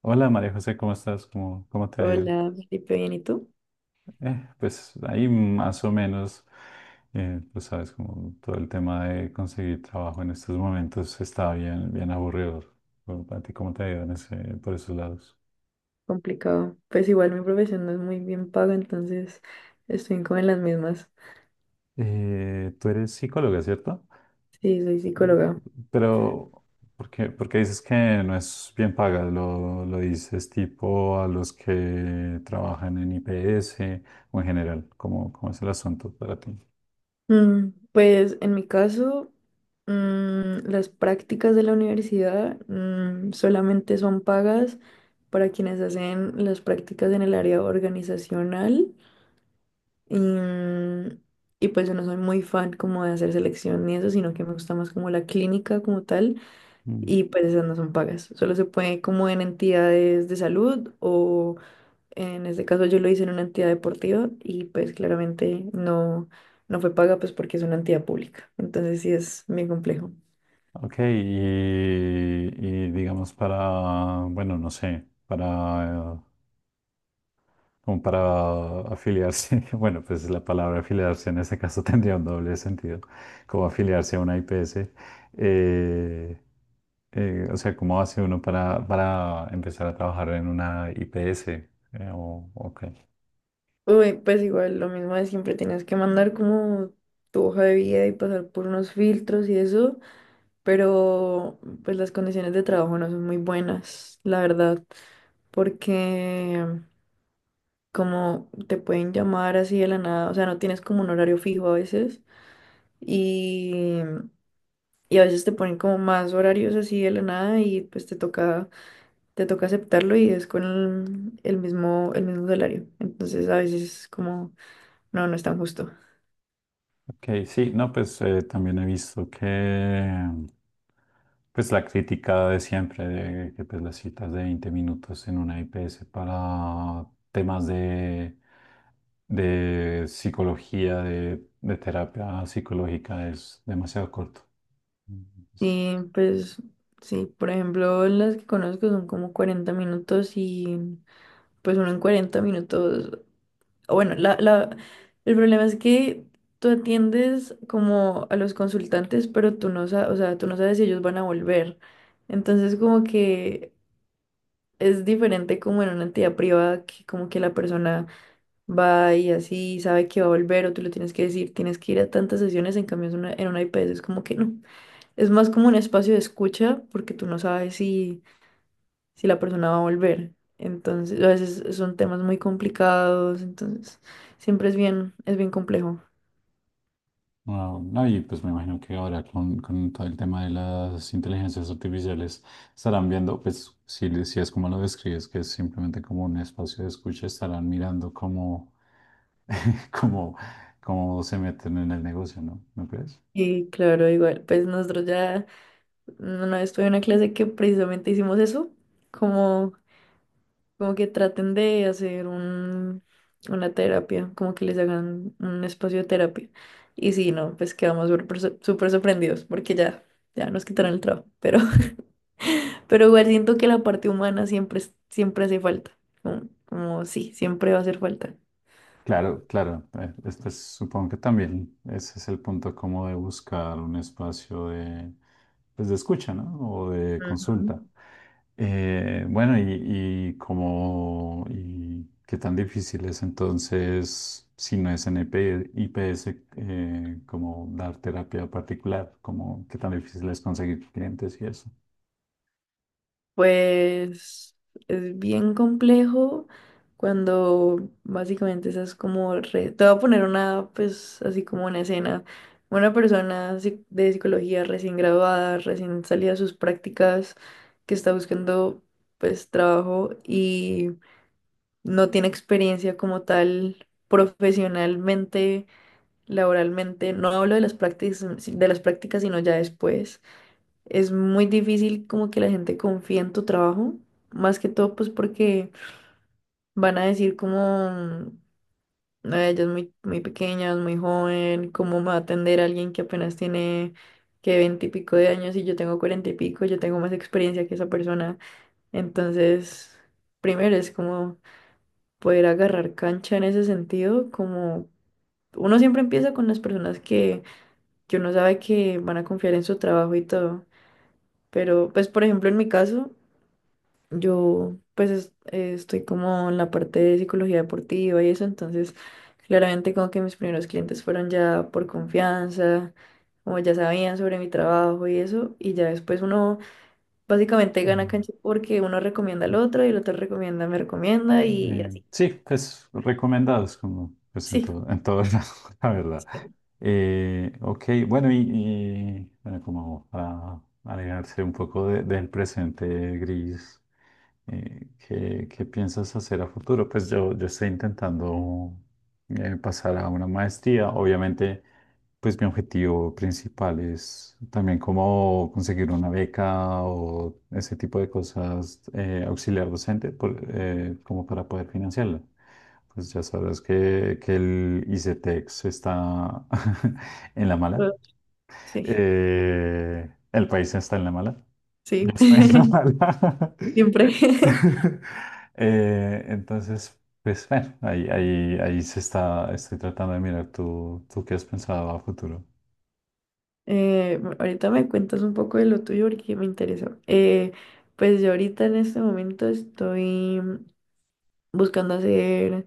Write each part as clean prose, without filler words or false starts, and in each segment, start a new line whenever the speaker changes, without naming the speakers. Hola María José, ¿cómo estás? ¿Cómo te ha ido?
Hola, Felipe, bien, ¿y tú?
Pues ahí más o menos, pues sabes, como todo el tema de conseguir trabajo en estos momentos está bien, bien aburrido. Bueno, ¿a ti cómo te ha ido en por esos lados?
Complicado. Pues igual mi profesión no es muy bien paga, entonces estoy como en las mismas.
Tú eres psicóloga, ¿cierto?
Sí, soy
Eh,
psicóloga.
pero, ¿por qué dices que no es bien paga? ¿Lo dices tipo a los que trabajan en IPS o en general? ¿Cómo es el asunto para ti?
Pues en mi caso, las prácticas de la universidad solamente son pagas para quienes hacen las prácticas en el área organizacional y, mm, y pues yo no soy muy fan como de hacer selección ni eso, sino que me gusta más como la clínica como tal. Y pues esas no son pagas. Solo se puede como en entidades de salud o en este caso yo lo hice en una entidad deportiva y pues claramente no fue paga pues porque es una entidad pública. Entonces sí es bien complejo.
Ok, y digamos para, bueno, no sé, para, como para afiliarse, bueno, pues la palabra afiliarse en este caso tendría un doble sentido, como afiliarse a una IPS. eh, o sea, ¿cómo hace uno para empezar a trabajar en una IPS? Ok,
Uy, pues igual lo mismo de siempre, tienes que mandar como tu hoja de vida y pasar por unos filtros y eso, pero pues las condiciones de trabajo no son muy buenas, la verdad, porque como te pueden llamar así de la nada, o sea, no tienes como un horario fijo a veces y, y, a veces te ponen como más horarios así de la nada y pues te toca aceptarlo y es con el mismo salario. Entonces a veces es como, no es tan justo.
ok, sí, no, pues también he visto que. Pues la crítica de siempre, de que pues las citas de 20 minutos en una IPS para temas de psicología, de terapia psicológica es demasiado corto. Es-
Y pues sí, por ejemplo, las que conozco son como 40 minutos y pues uno en 40 minutos. Bueno, el problema es que tú atiendes como a los consultantes, pero tú no sabes, o sea, tú no sabes si ellos van a volver. Entonces, como que es diferente como en una entidad privada, que como que la persona va y así sabe que va a volver, o tú le tienes que decir, tienes que ir a tantas sesiones, en cambio en una IPS es como que no. Es más como un espacio de escucha, porque tú no sabes si la persona va a volver. Entonces, a veces son temas muy complicados, entonces siempre es bien complejo.
No, no, y pues me imagino que ahora con todo el tema de las inteligencias artificiales estarán viendo, pues si es como lo describes, que es simplemente como un espacio de escucha, estarán mirando cómo, cómo, cómo se meten en el negocio, ¿no? ¿No crees?
Y claro, igual, pues nosotros ya una vez tuve una clase que precisamente hicimos eso, como, como que traten de hacer una terapia, como que les hagan un espacio de terapia. Y si no, pues quedamos súper, súper sorprendidos porque ya nos quitaron el trabajo, pero igual siento que la parte humana siempre, siempre hace falta. Como sí, siempre va a hacer falta.
Claro, claro. Este pues, supongo que también ese es el punto como de buscar un espacio de, pues, de escucha, ¿no? O de consulta.
Ujú.
Bueno, y como, y qué tan difícil es entonces, si no es en IP IPS, como dar terapia particular, como qué tan difícil es conseguir clientes y eso.
Pues es bien complejo cuando básicamente esas como. Te voy a poner una, pues así como una escena. Una persona de psicología recién graduada, recién salida de sus prácticas, que está buscando pues trabajo y no tiene experiencia como tal profesionalmente laboralmente, no hablo de las prácticas, sino ya después. Es muy difícil como que la gente confíe en tu trabajo, más que todo pues porque van a decir como, "Ay, ella es muy, muy pequeña, es muy joven, ¿cómo me va a atender alguien que apenas tiene que veinte y pico de años y yo tengo cuarenta y pico, yo tengo más experiencia que esa persona? Entonces, primero es como poder agarrar cancha en ese sentido, como uno siempre empieza con las personas que uno sabe que van a confiar en su trabajo y todo. Pero, pues, por ejemplo, en mi caso, yo, pues, estoy como en la parte de psicología deportiva y eso, entonces, claramente como que mis primeros clientes fueron ya por confianza, como ya sabían sobre mi trabajo y eso, y ya después uno básicamente gana
Eh,
cancha porque uno recomienda al otro y el otro recomienda, me recomienda y así.
sí, pues recomendados como pues en
Sí,
todo, en todo lado, la verdad.
sí,
Ok, bueno, bueno, como para alejarse un poco del presente gris, ¿qué piensas hacer a futuro? Pues yo estoy intentando pasar a una maestría, obviamente pues mi objetivo principal es también como conseguir una beca o ese tipo de cosas, auxiliar docente, como para poder financiarla. Pues ya sabes que el ICETEX está en la mala.
eh, sí,
El país está en la mala. Yo
sí,
estoy en la mala.
siempre.
Entonces, pues bueno, estoy tratando de mirar tú qué has pensado a futuro.
Ahorita me cuentas un poco de lo tuyo porque me interesa. Pues yo ahorita en este momento estoy buscando hacer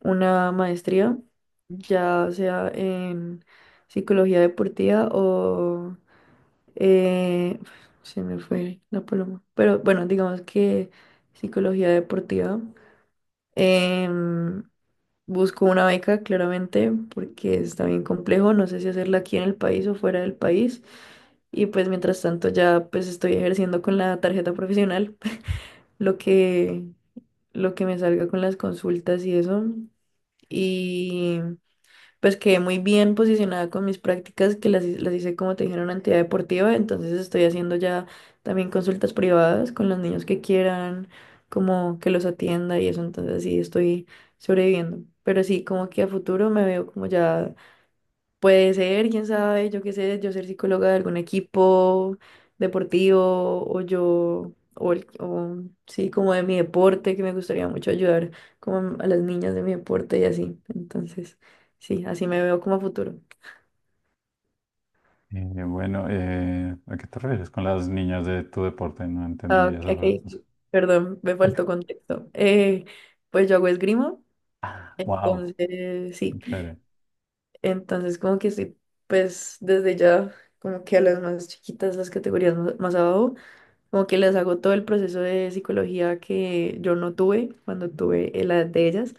una maestría, ya sea en psicología deportiva o eh, se me fue la paloma. Pero bueno, digamos que psicología deportiva. Em, Busco una beca, claramente, porque está bien complejo. No sé si hacerla aquí en el país o fuera del país. Y pues mientras tanto ya pues estoy ejerciendo con la tarjeta profesional lo que, lo que me salga con las consultas y eso. Y pues quedé muy bien posicionada con mis prácticas que las hice como te dije en una entidad deportiva, entonces estoy haciendo ya también consultas privadas con los niños que quieran, como que los atienda y eso, entonces sí estoy sobreviviendo. Pero sí, como que a futuro me veo como ya puede ser, quién sabe, yo qué sé, yo ser psicóloga de algún equipo deportivo o yo, o sí, como de mi deporte, que me gustaría mucho ayudar como a las niñas de mi deporte y así. Entonces, sí, así me veo como a futuro.
Bueno, ¿A qué te refieres con las niñas de tu deporte? No entendí
Ah, ok, ok,
esa cosa.
sí, perdón, me faltó contexto. Pues yo hago esgrima,
Wow,
entonces, sí,
chévere.
entonces como que sí, pues desde ya, como que a las más chiquitas, las categorías más abajo. Como que les hago todo el proceso de psicología que yo no tuve cuando tuve la de ellas,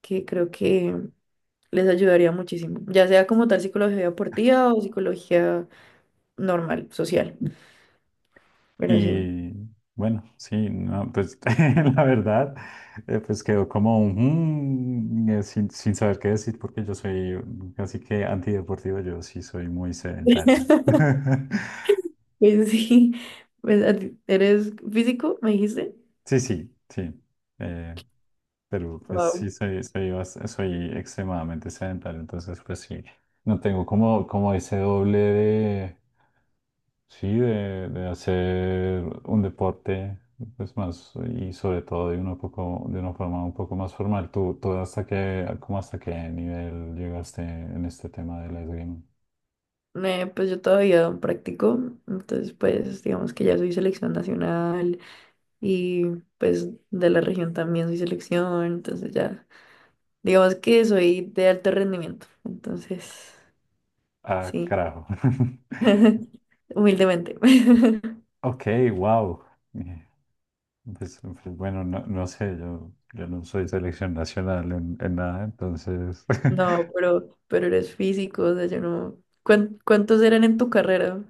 que creo que les ayudaría muchísimo. Ya sea como tal psicología deportiva o psicología normal, social. Pero sí.
Y bueno, sí, no, pues la verdad, pues quedó como un, mm, sin, sin saber qué decir, porque yo soy casi que antideportivo, yo sí soy muy sedentario.
Pues sí. Pues, ¿a ti- ¿eres físico? Me dijiste.
Sí, sí, sí. Eh, Pero pues
Wow.
sí, soy extremadamente sedentario, entonces pues sí, no tengo como, como ese doble de, sí, de hacer un deporte, pues más, y sobre todo de una forma un poco más formal. ¿Tú hasta qué, como hasta qué nivel llegaste en este tema de la esgrima?
Pues yo todavía practico. Entonces, pues digamos que ya soy selección nacional y pues de la región también soy selección. Entonces ya. Digamos que soy de alto rendimiento, entonces,
Ah,
sí,
carajo.
humildemente.
Ok, wow. Bueno, no, no sé, yo no soy selección nacional en nada, entonces
No, pero eres físico, o sea, yo no. ¿Cuántos eran en tu carrera?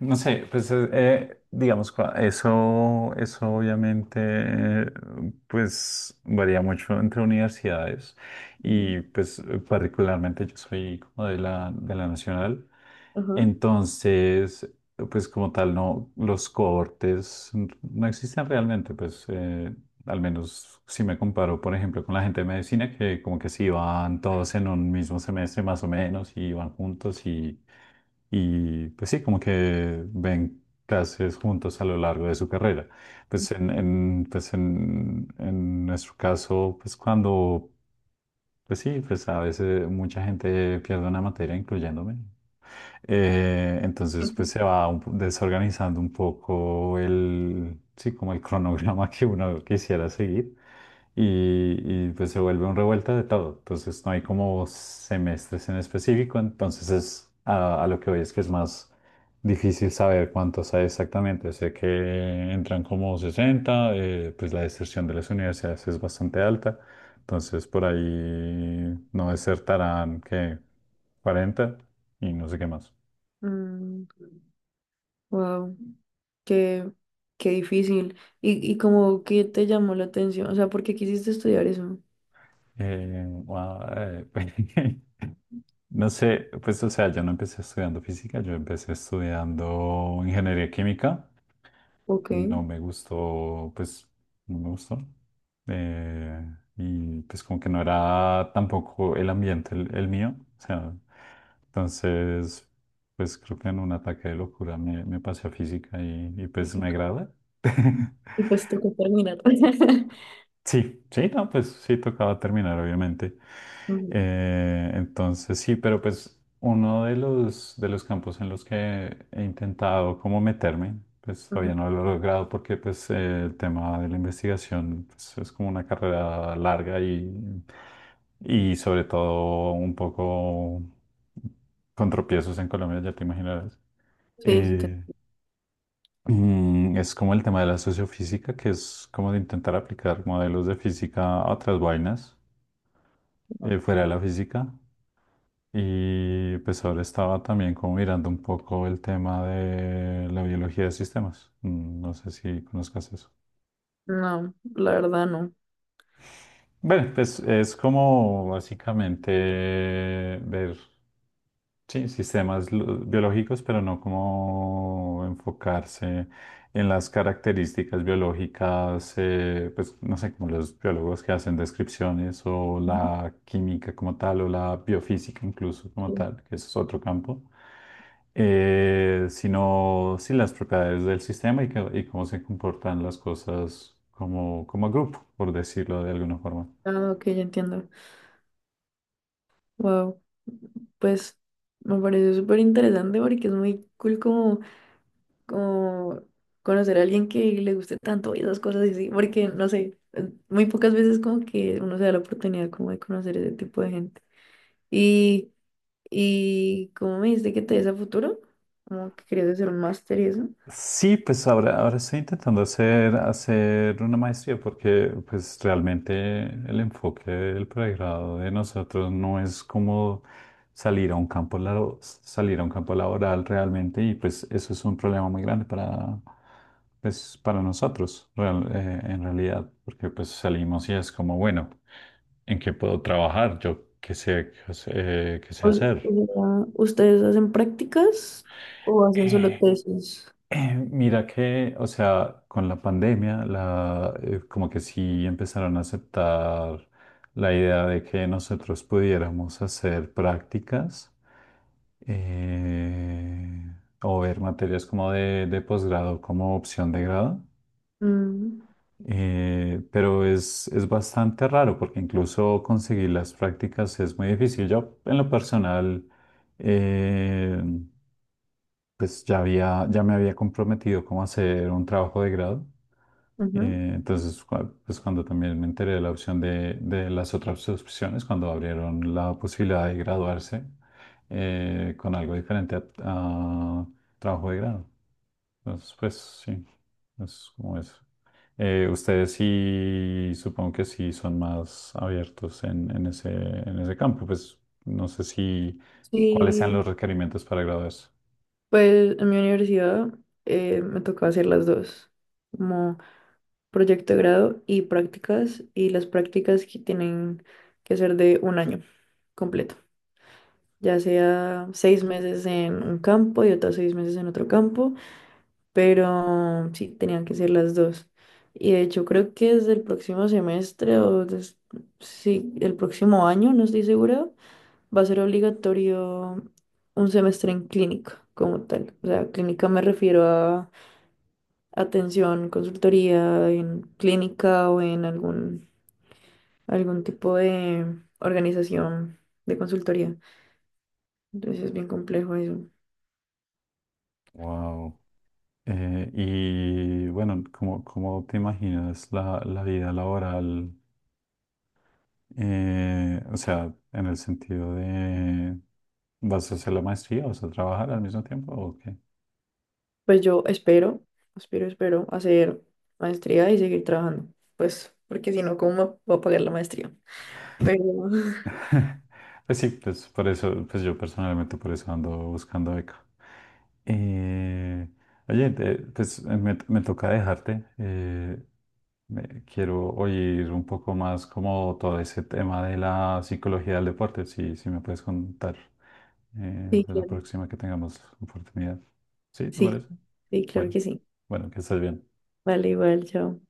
No sé, pues digamos, eso obviamente pues varía mucho entre universidades
Ujú.
y pues particularmente yo soy como de la nacional,
Ajá.
entonces pues como tal no, los cohortes no existen realmente, pues al menos si me comparo, por ejemplo, con la gente de medicina, que como que sí van todos en un mismo semestre más o menos y van juntos y pues sí, como que ven clases juntos a lo largo de su carrera. Pues en nuestro caso, pues cuando, pues sí, pues a veces mucha gente pierde una materia, incluyéndome, entonces, pues se va desorganizando un poco el, sí, como el cronograma que uno quisiera seguir pues se vuelve un revuelta de todo. Entonces, no hay como semestres en específico. Entonces, es a lo que voy es que es más difícil saber cuántos hay exactamente. Sé que entran como 60 pues la deserción de las universidades es bastante alta. Entonces, por ahí no desertarán que 40 y no sé qué más.
Wow, qué, qué difícil. ¿Y como qué te llamó la atención? O sea, ¿por qué quisiste estudiar eso?
Guau, pues, no sé, pues o sea, yo no empecé estudiando física, yo empecé estudiando ingeniería química,
Ok.
no me gustó, pues no me gustó, eh, y pues como que no era tampoco el ambiente el mío, o sea, entonces, pues creo que en un ataque de locura me pasé a física y pues me agrada.
Y pues tocó terminar.
Sí, sí, no, pues sí tocaba terminar, obviamente.
Ujú,
Entonces sí, pero pues uno de los campos en los que he intentado como meterme, pues
ujú.
todavía no lo he logrado porque pues el tema de la investigación pues, es como una carrera larga y sobre todo un poco con tropiezos en Colombia, ya te imaginarás.
Sí, sí, te
Eh, Es como el tema de la sociofísica, que es como de intentar aplicar modelos de física a otras vainas
entiendo.
fuera de la física. Y pues ahora estaba también como mirando un poco el tema de la biología de sistemas. No sé si conozcas eso.
No, la verdad no.
Bueno, pues es como básicamente ver sí, sistemas biológicos, pero no como enfocarse en las características biológicas, pues no sé, como los biólogos que hacen descripciones o
Ujú.
la química como tal o la biofísica incluso como
Sí.
tal, que eso es otro campo, sino sí las propiedades del sistema y, y cómo se comportan las cosas como, como grupo, por decirlo de alguna forma.
Ah, ok, ya entiendo. Wow, pues me parece súper interesante porque es muy cool como conocer a alguien que le guste tanto y esas cosas así, porque no sé, muy pocas veces como que uno se da la oportunidad como de conocer ese tipo de gente. Y, y ¿cómo me dijiste que te ves a futuro? Como que querías hacer un máster y eso.
Sí, pues ahora estoy intentando hacer una maestría porque pues realmente el enfoque del pregrado de nosotros no es como salir a un salir a un campo laboral realmente y pues eso es un problema muy grande para, pues, para nosotros en realidad porque pues salimos y es como bueno, ¿en qué puedo trabajar? Yo qué sé
O, o
hacer.
sea, ¿ustedes hacen prácticas o hacen solo
Eh,
tesis?
Mira que, o sea, con la pandemia, como que sí empezaron a aceptar la idea de que nosotros pudiéramos hacer prácticas eh, o ver materias como de posgrado como opción de grado.
Mm,
Pero es bastante raro porque incluso conseguir las prácticas es muy difícil. Yo, en lo personal, eh, pues ya me había comprometido como a hacer un trabajo de grado.
ujú.
Entonces, pues cuando también me enteré de la opción de las otras opciones, cuando abrieron la posibilidad de graduarse con algo diferente a trabajo de grado. Entonces, pues sí, es como eso. Ustedes sí, supongo que sí son más abiertos en ese campo. Pues no sé si cuáles sean los
Sí,
requerimientos para graduarse.
pues en mi universidad me tocaba hacer las dos, como proyecto de grado y prácticas, y las prácticas que tienen que ser de un año completo, ya sea 6 meses en un campo y otros 6 meses en otro campo, pero sí, tenían que ser las dos. Y de hecho creo que desde el próximo semestre o sí, el próximo año, no estoy segura, va a ser obligatorio un semestre en clínica como tal. O sea, clínica me refiero a atención, consultoría en clínica o en algún tipo de organización de consultoría. Entonces es bien complejo eso.
Wow. Y bueno, ¿cómo te imaginas la vida laboral? O sea, en el sentido de, ¿vas a hacer la maestría? ¿Vas a trabajar al mismo tiempo o qué?
Pues yo espero hacer maestría y seguir trabajando. Pues porque si no, ¿cómo me voy a pagar la maestría? Pero
Pues sí, pues por eso, pues yo personalmente por eso ando buscando beca. Eh, Oye, me toca dejarte. Quiero oír un poco más como todo ese tema de la psicología del deporte, si me puedes contar,
sí,
de la
claro.
próxima que tengamos oportunidad. ¿Sí? ¿Te
Sí,
parece?
sí, claro
Bueno,
que sí.
bueno, que estés bien.
Vale, igual, chao.